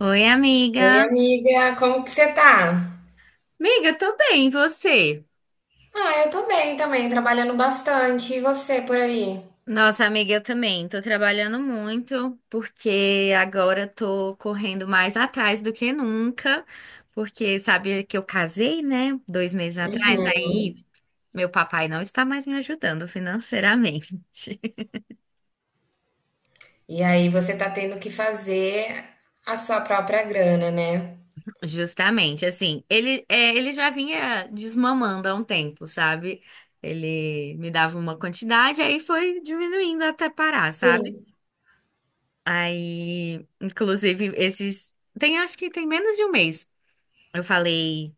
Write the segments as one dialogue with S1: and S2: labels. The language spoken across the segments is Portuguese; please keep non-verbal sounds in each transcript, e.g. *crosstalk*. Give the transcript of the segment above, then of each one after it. S1: Oi,
S2: Oi,
S1: amiga.
S2: amiga, como que você tá?
S1: Amiga, tô bem, e você?
S2: Ah, eu tô bem também, trabalhando bastante. E você por aí?
S1: Nossa, amiga, eu também. Tô trabalhando muito, porque agora tô correndo mais atrás do que nunca, porque sabe que eu casei, né? 2 meses atrás,
S2: Uhum.
S1: aí meu papai não está mais me ajudando financeiramente. *laughs*
S2: E aí você tá tendo que fazer a sua própria grana, né?
S1: Justamente, assim, ele já vinha desmamando há um tempo, sabe? Ele me dava uma quantidade, aí foi diminuindo até parar, sabe?
S2: Sim.
S1: Aí, inclusive, esses. Tem, acho que tem menos de um mês. Eu falei,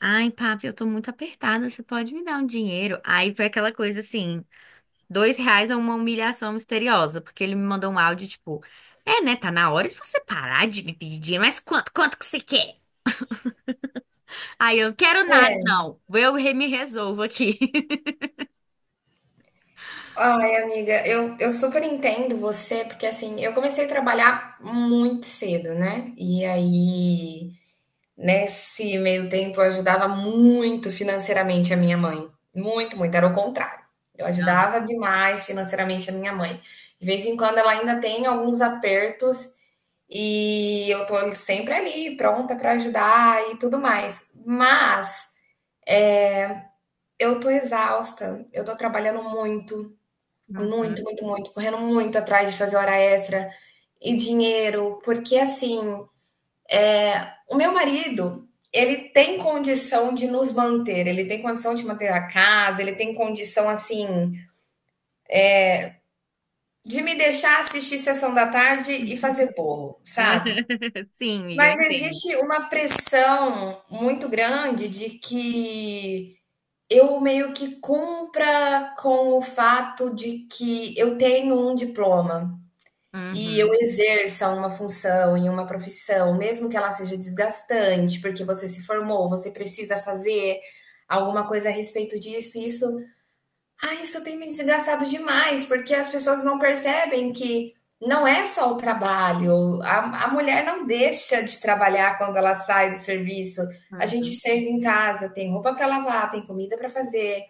S1: ai, papi, eu tô muito apertada, você pode me dar um dinheiro? Aí foi aquela coisa assim, R$ 2 é uma humilhação misteriosa, porque ele me mandou um áudio tipo, né, tá na hora de você parar de me pedir dinheiro, mas quanto que você quer? Aí eu, quero nada,
S2: É.
S1: não, eu me resolvo aqui. *laughs*
S2: Ai, amiga, eu super entendo você, porque assim, eu comecei a trabalhar muito cedo, né? E aí nesse meio tempo, eu ajudava muito financeiramente a minha mãe, muito, muito, era o contrário. Eu
S1: Aham.
S2: ajudava demais financeiramente a minha mãe. De vez em quando ela ainda tem alguns apertos e eu tô sempre ali, pronta para ajudar e tudo mais. Mas eu tô exausta, eu tô trabalhando muito, muito,
S1: Uhum.
S2: muito, muito, correndo muito atrás de fazer hora extra e dinheiro, porque assim, o meu marido, ele tem condição de nos manter, ele tem condição de manter a casa, ele tem condição, assim, de me deixar assistir Sessão da Tarde e fazer bolo, sabe.
S1: *laughs* Sim, amiga, eu
S2: Mas
S1: entendo.
S2: existe uma pressão muito grande de que eu meio que cumpra com o fato de que eu tenho um diploma. E eu
S1: Uhum,
S2: exerça uma função em uma profissão, mesmo que ela seja desgastante, porque você se formou, você precisa fazer alguma coisa a respeito disso, e isso, ah, isso tem me desgastado demais, porque as pessoas não percebem que não é só o trabalho, a mulher não deixa de trabalhar quando ela sai do serviço. A gente
S1: uhum.
S2: serve em casa, tem roupa para lavar, tem comida para fazer,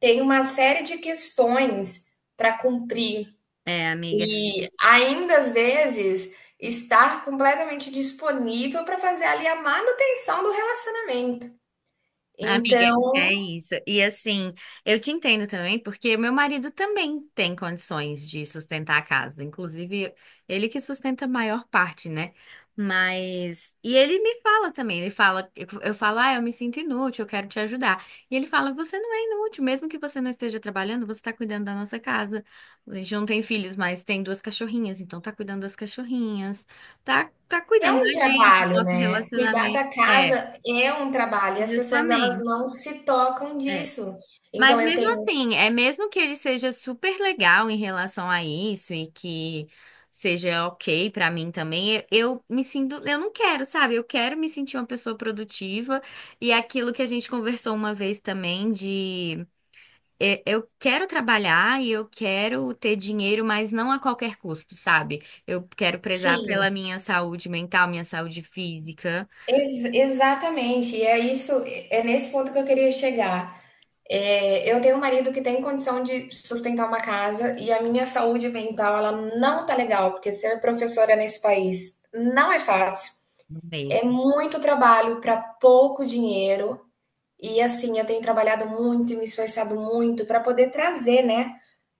S2: tem uma série de questões para cumprir.
S1: É, amiga.
S2: E ainda às vezes estar completamente disponível para fazer ali a manutenção do relacionamento.
S1: Amiga,
S2: Então,
S1: é isso. E assim, eu te entendo também, porque meu marido também tem condições de sustentar a casa. Inclusive, ele que sustenta a maior parte, né? Mas. E ele me fala também, ele fala, eu falo, ah, eu me sinto inútil, eu quero te ajudar. E ele fala, você não é inútil, mesmo que você não esteja trabalhando, você está cuidando da nossa casa. A gente não tem filhos, mas tem duas cachorrinhas, então tá cuidando das cachorrinhas, tá
S2: é
S1: cuidando da
S2: um
S1: gente, do
S2: trabalho,
S1: nosso
S2: né, cuidar
S1: relacionamento.
S2: da
S1: É,
S2: casa é um trabalho e as pessoas elas
S1: justamente.
S2: não se tocam
S1: É.
S2: disso. Então
S1: Mas
S2: eu
S1: mesmo
S2: tenho
S1: assim, é mesmo que ele seja super legal em relação a isso e que seja ok pra mim também, eu me sinto, eu não quero, sabe? Eu quero me sentir uma pessoa produtiva e é aquilo que a gente conversou uma vez também de eu quero trabalhar e eu quero ter dinheiro, mas não a qualquer custo, sabe? Eu quero prezar
S2: sim,
S1: pela minha saúde mental, minha saúde física.
S2: ex exatamente, e é isso, é nesse ponto que eu queria chegar. É, eu tenho um marido que tem condição de sustentar uma casa e a minha saúde mental, ela não tá legal, porque ser professora nesse país não é fácil. É
S1: Mesmo.
S2: muito trabalho para pouco dinheiro. E assim, eu tenho trabalhado muito e me esforçado muito para poder trazer, né,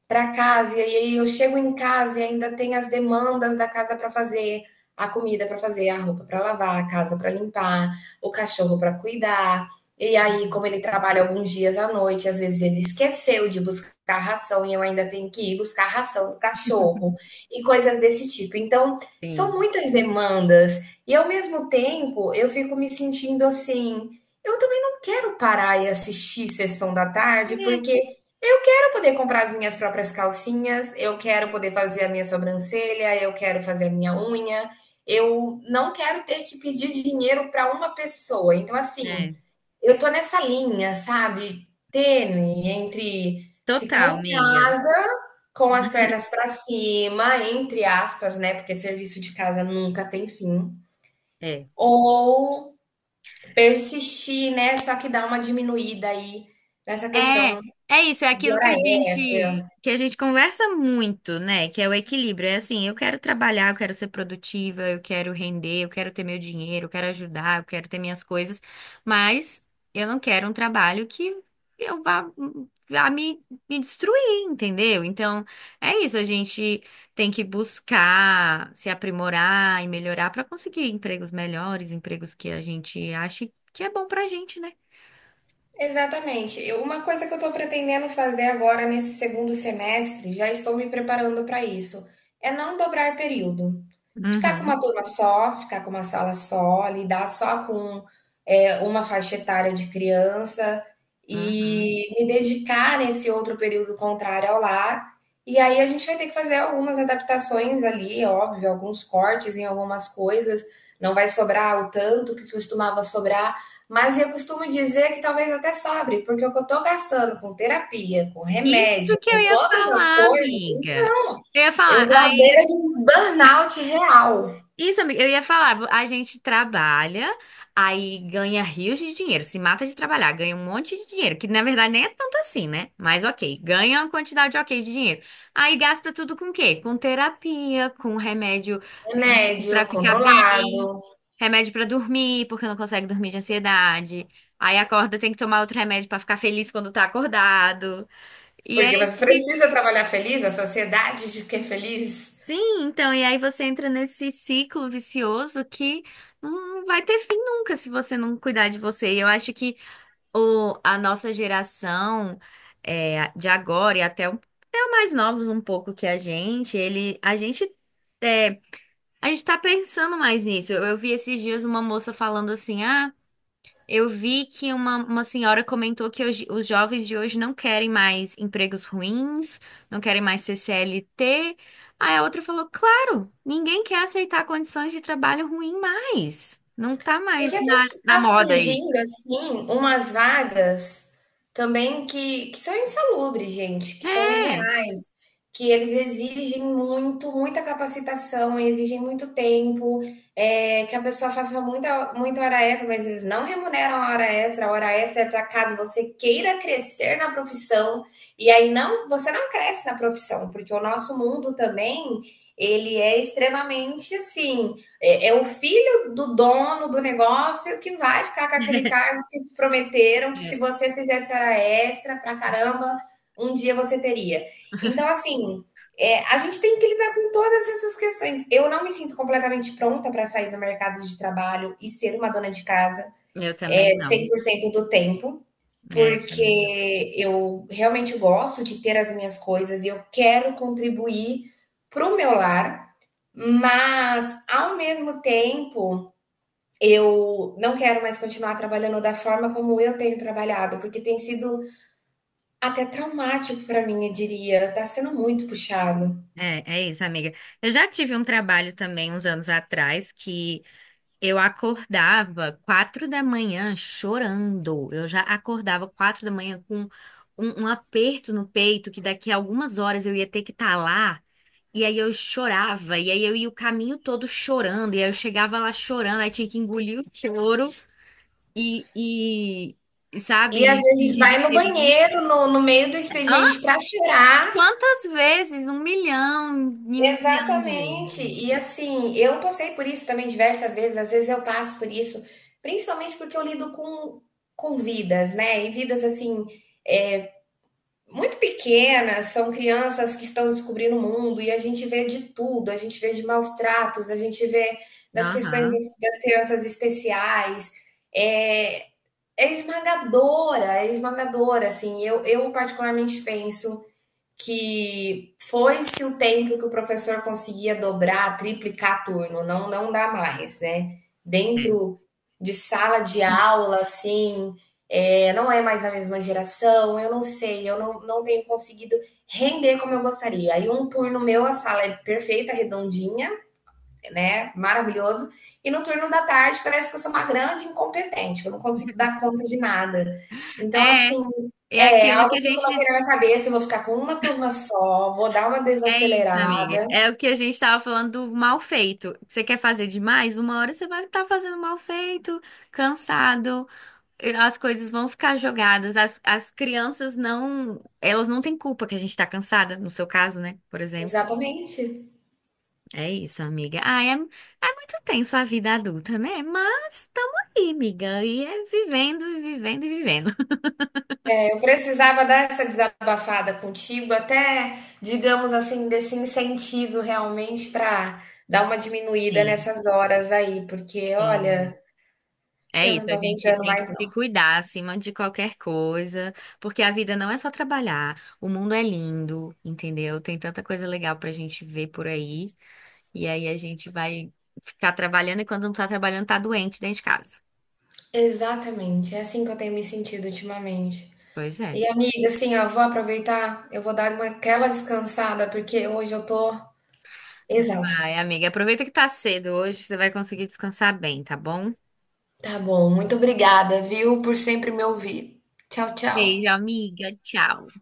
S2: para casa, e aí eu chego em casa e ainda tem as demandas da casa para fazer, a comida para fazer, a roupa para lavar, a casa para limpar, o cachorro para cuidar. E aí, como ele trabalha alguns dias à noite, às vezes ele esqueceu de buscar ração e eu ainda tenho que ir buscar ração do cachorro e coisas desse tipo. Então, são
S1: Sim.
S2: muitas demandas e ao mesmo tempo eu fico me sentindo assim, eu também não quero parar e assistir sessão da tarde porque eu quero poder comprar as minhas próprias calcinhas, eu quero poder fazer a minha sobrancelha, eu quero fazer a minha unha. Eu não quero ter que pedir dinheiro para uma pessoa. Então,
S1: É,
S2: assim,
S1: é.
S2: eu tô nessa linha, sabe, tênue entre ficar
S1: Total,
S2: em
S1: amiga.
S2: casa com as
S1: *laughs*
S2: pernas para cima, entre aspas, né, porque serviço de casa nunca tem fim,
S1: É.
S2: ou persistir, né, só que dá uma diminuída aí nessa
S1: É,
S2: questão
S1: é isso, é
S2: de
S1: aquilo que a
S2: hora extra.
S1: gente que a gente conversa muito, né? Que é o equilíbrio. É assim, eu quero trabalhar, eu quero ser produtiva, eu quero render, eu quero ter meu dinheiro, eu quero ajudar, eu quero ter minhas coisas, mas eu não quero um trabalho que eu vá me destruir, entendeu? Então, é isso, a gente tem que buscar se aprimorar e melhorar para conseguir empregos melhores, empregos que a gente ache que é bom pra gente, né?
S2: Exatamente. Uma coisa que eu estou pretendendo fazer agora nesse segundo semestre, já estou me preparando para isso, é não dobrar período. Ficar com
S1: Uhum,
S2: uma turma só, ficar com uma sala só, lidar só com uma faixa etária de criança
S1: uhum.
S2: e me dedicar nesse outro período contrário ao lar. E aí a gente vai ter que fazer algumas adaptações ali, óbvio, alguns cortes em algumas coisas. Não vai sobrar o tanto que costumava sobrar, mas eu costumo dizer que talvez até sobre, porque o que eu estou gastando com terapia, com
S1: Isso
S2: remédio,
S1: que eu
S2: com
S1: ia
S2: todas as
S1: falar,
S2: coisas,
S1: amiga.
S2: então,
S1: Eu ia
S2: eu
S1: falar,
S2: estou à beira
S1: aí,
S2: de um burnout real.
S1: isso, amiga, eu ia falar, a gente trabalha, aí ganha rios de dinheiro, se mata de trabalhar, ganha um monte de dinheiro, que na verdade nem é tanto assim, né? Mas ok, ganha uma quantidade ok de dinheiro. Aí gasta tudo com o quê? Com terapia, com remédio
S2: Remédio
S1: pra ficar
S2: controlado,
S1: bem, remédio pra dormir, porque não consegue dormir de ansiedade. Aí acorda, tem que tomar outro remédio pra ficar feliz quando tá acordado. E
S2: porque
S1: aí.
S2: você precisa trabalhar feliz, a sociedade de que é feliz.
S1: Sim, então, e aí você entra nesse ciclo vicioso que não vai ter fim nunca se você não cuidar de você. E eu acho que a nossa geração de agora e até, até os mais novos um pouco que a gente, ele, a gente, é, a gente tá pensando mais nisso. Eu vi esses dias uma moça falando assim, ah. Eu vi que uma senhora comentou que hoje, os jovens de hoje não querem mais empregos ruins, não querem mais ser CLT. Aí a outra falou: claro, ninguém quer aceitar condições de trabalho ruim mais. Não tá
S2: Porque
S1: mais na
S2: está
S1: moda isso.
S2: surgindo, assim, umas vagas também que são insalubres, gente, que são
S1: É.
S2: irreais, que eles exigem muito, muita capacitação, exigem muito tempo, que a pessoa faça muita, muita hora extra, mas eles não remuneram a hora extra. A hora extra é para caso você queira crescer na profissão, e aí não, você não cresce na profissão, porque o nosso mundo também, ele é extremamente, assim, é, o filho do dono do negócio que vai ficar com aquele cargo que te prometeram que se
S1: É.
S2: você fizesse hora extra pra caramba, um dia você teria. Então,
S1: *laughs*
S2: assim, a gente tem que lidar com todas essas questões. Eu não me sinto completamente pronta para sair do mercado de trabalho e ser uma dona de casa
S1: Eu também
S2: cem
S1: não.
S2: por cento do tempo,
S1: É, eu também não.
S2: porque eu realmente gosto de ter as minhas coisas e eu quero contribuir para o meu lar, mas ao mesmo tempo eu não quero mais continuar trabalhando da forma como eu tenho trabalhado, porque tem sido até traumático para mim, eu diria. Tá sendo muito puxado.
S1: É, é isso, amiga. Eu já tive um trabalho também uns anos atrás que eu acordava 4 da manhã chorando. Eu já acordava 4 da manhã com um aperto no peito que daqui a algumas horas eu ia ter que estar lá. E aí eu chorava, e aí eu ia o caminho todo chorando, e aí eu chegava lá chorando, aí tinha que engolir o choro e, e
S2: E às
S1: sabe,
S2: vezes
S1: fingir
S2: vai
S1: de
S2: no
S1: feliz.
S2: banheiro, no meio do
S1: Hã?
S2: expediente, para chorar.
S1: Quantas vezes? 1 milhão, e 1 milhão de
S2: Exatamente.
S1: vezes.
S2: E assim, eu passei por isso também diversas vezes, às vezes eu passo por isso, principalmente porque eu lido com vidas, né? E vidas assim muito pequenas, são crianças que estão descobrindo o mundo e a gente vê de tudo, a gente vê de maus tratos, a gente vê das questões
S1: Aham.
S2: das crianças especiais. É, é esmagadora, assim. Eu particularmente penso que foi-se o tempo que o professor conseguia dobrar, triplicar turno, não, não dá mais, né?
S1: É.
S2: Dentro de sala de aula, assim, não é mais a mesma geração, eu não sei, eu não tenho conseguido render como eu gostaria. Aí um turno meu, a sala é perfeita, redondinha, né, maravilhoso. E no turno da tarde parece que eu sou uma grande incompetente, que eu não consigo dar conta de nada. Então,
S1: É,
S2: assim,
S1: é
S2: é
S1: aquilo que
S2: algo
S1: a
S2: que eu
S1: gente.
S2: coloquei na minha cabeça, eu vou ficar com uma turma só, vou dar uma
S1: É isso, amiga.
S2: desacelerada.
S1: É o que a gente estava falando do mal feito. Você quer fazer demais? Uma hora você vai estar fazendo mal feito, cansado, e as coisas vão ficar jogadas. As crianças não. Elas não têm culpa que a gente está cansada, no seu caso, né? Por exemplo.
S2: Exatamente.
S1: É isso, amiga. Ah, é, é muito tenso a vida adulta, né? Mas estamos aí, amiga. E é vivendo, e vivendo, e vivendo.
S2: É, eu precisava dar essa desabafada contigo, até, digamos assim, desse incentivo realmente para dar uma
S1: *laughs*
S2: diminuída
S1: Sim,
S2: nessas horas aí, porque
S1: sim.
S2: olha,
S1: É
S2: eu não
S1: isso,
S2: tô
S1: a gente
S2: aguentando
S1: tem
S2: mais
S1: que se
S2: não.
S1: cuidar acima de qualquer coisa, porque a vida não é só trabalhar. O mundo é lindo, entendeu? Tem tanta coisa legal pra gente ver por aí, e aí a gente vai ficar trabalhando e quando não tá trabalhando tá doente dentro de casa.
S2: Exatamente, é assim que eu tenho me sentido ultimamente.
S1: Pois é.
S2: E amiga, assim, ó, vou aproveitar, eu vou dar uma, aquela descansada, porque hoje eu tô exausta.
S1: Vai, amiga, aproveita que tá cedo hoje, você vai conseguir descansar bem, tá bom?
S2: Tá bom, muito obrigada, viu, por sempre me ouvir. Tchau,
S1: Beijo,
S2: tchau.
S1: amiga. Tchau.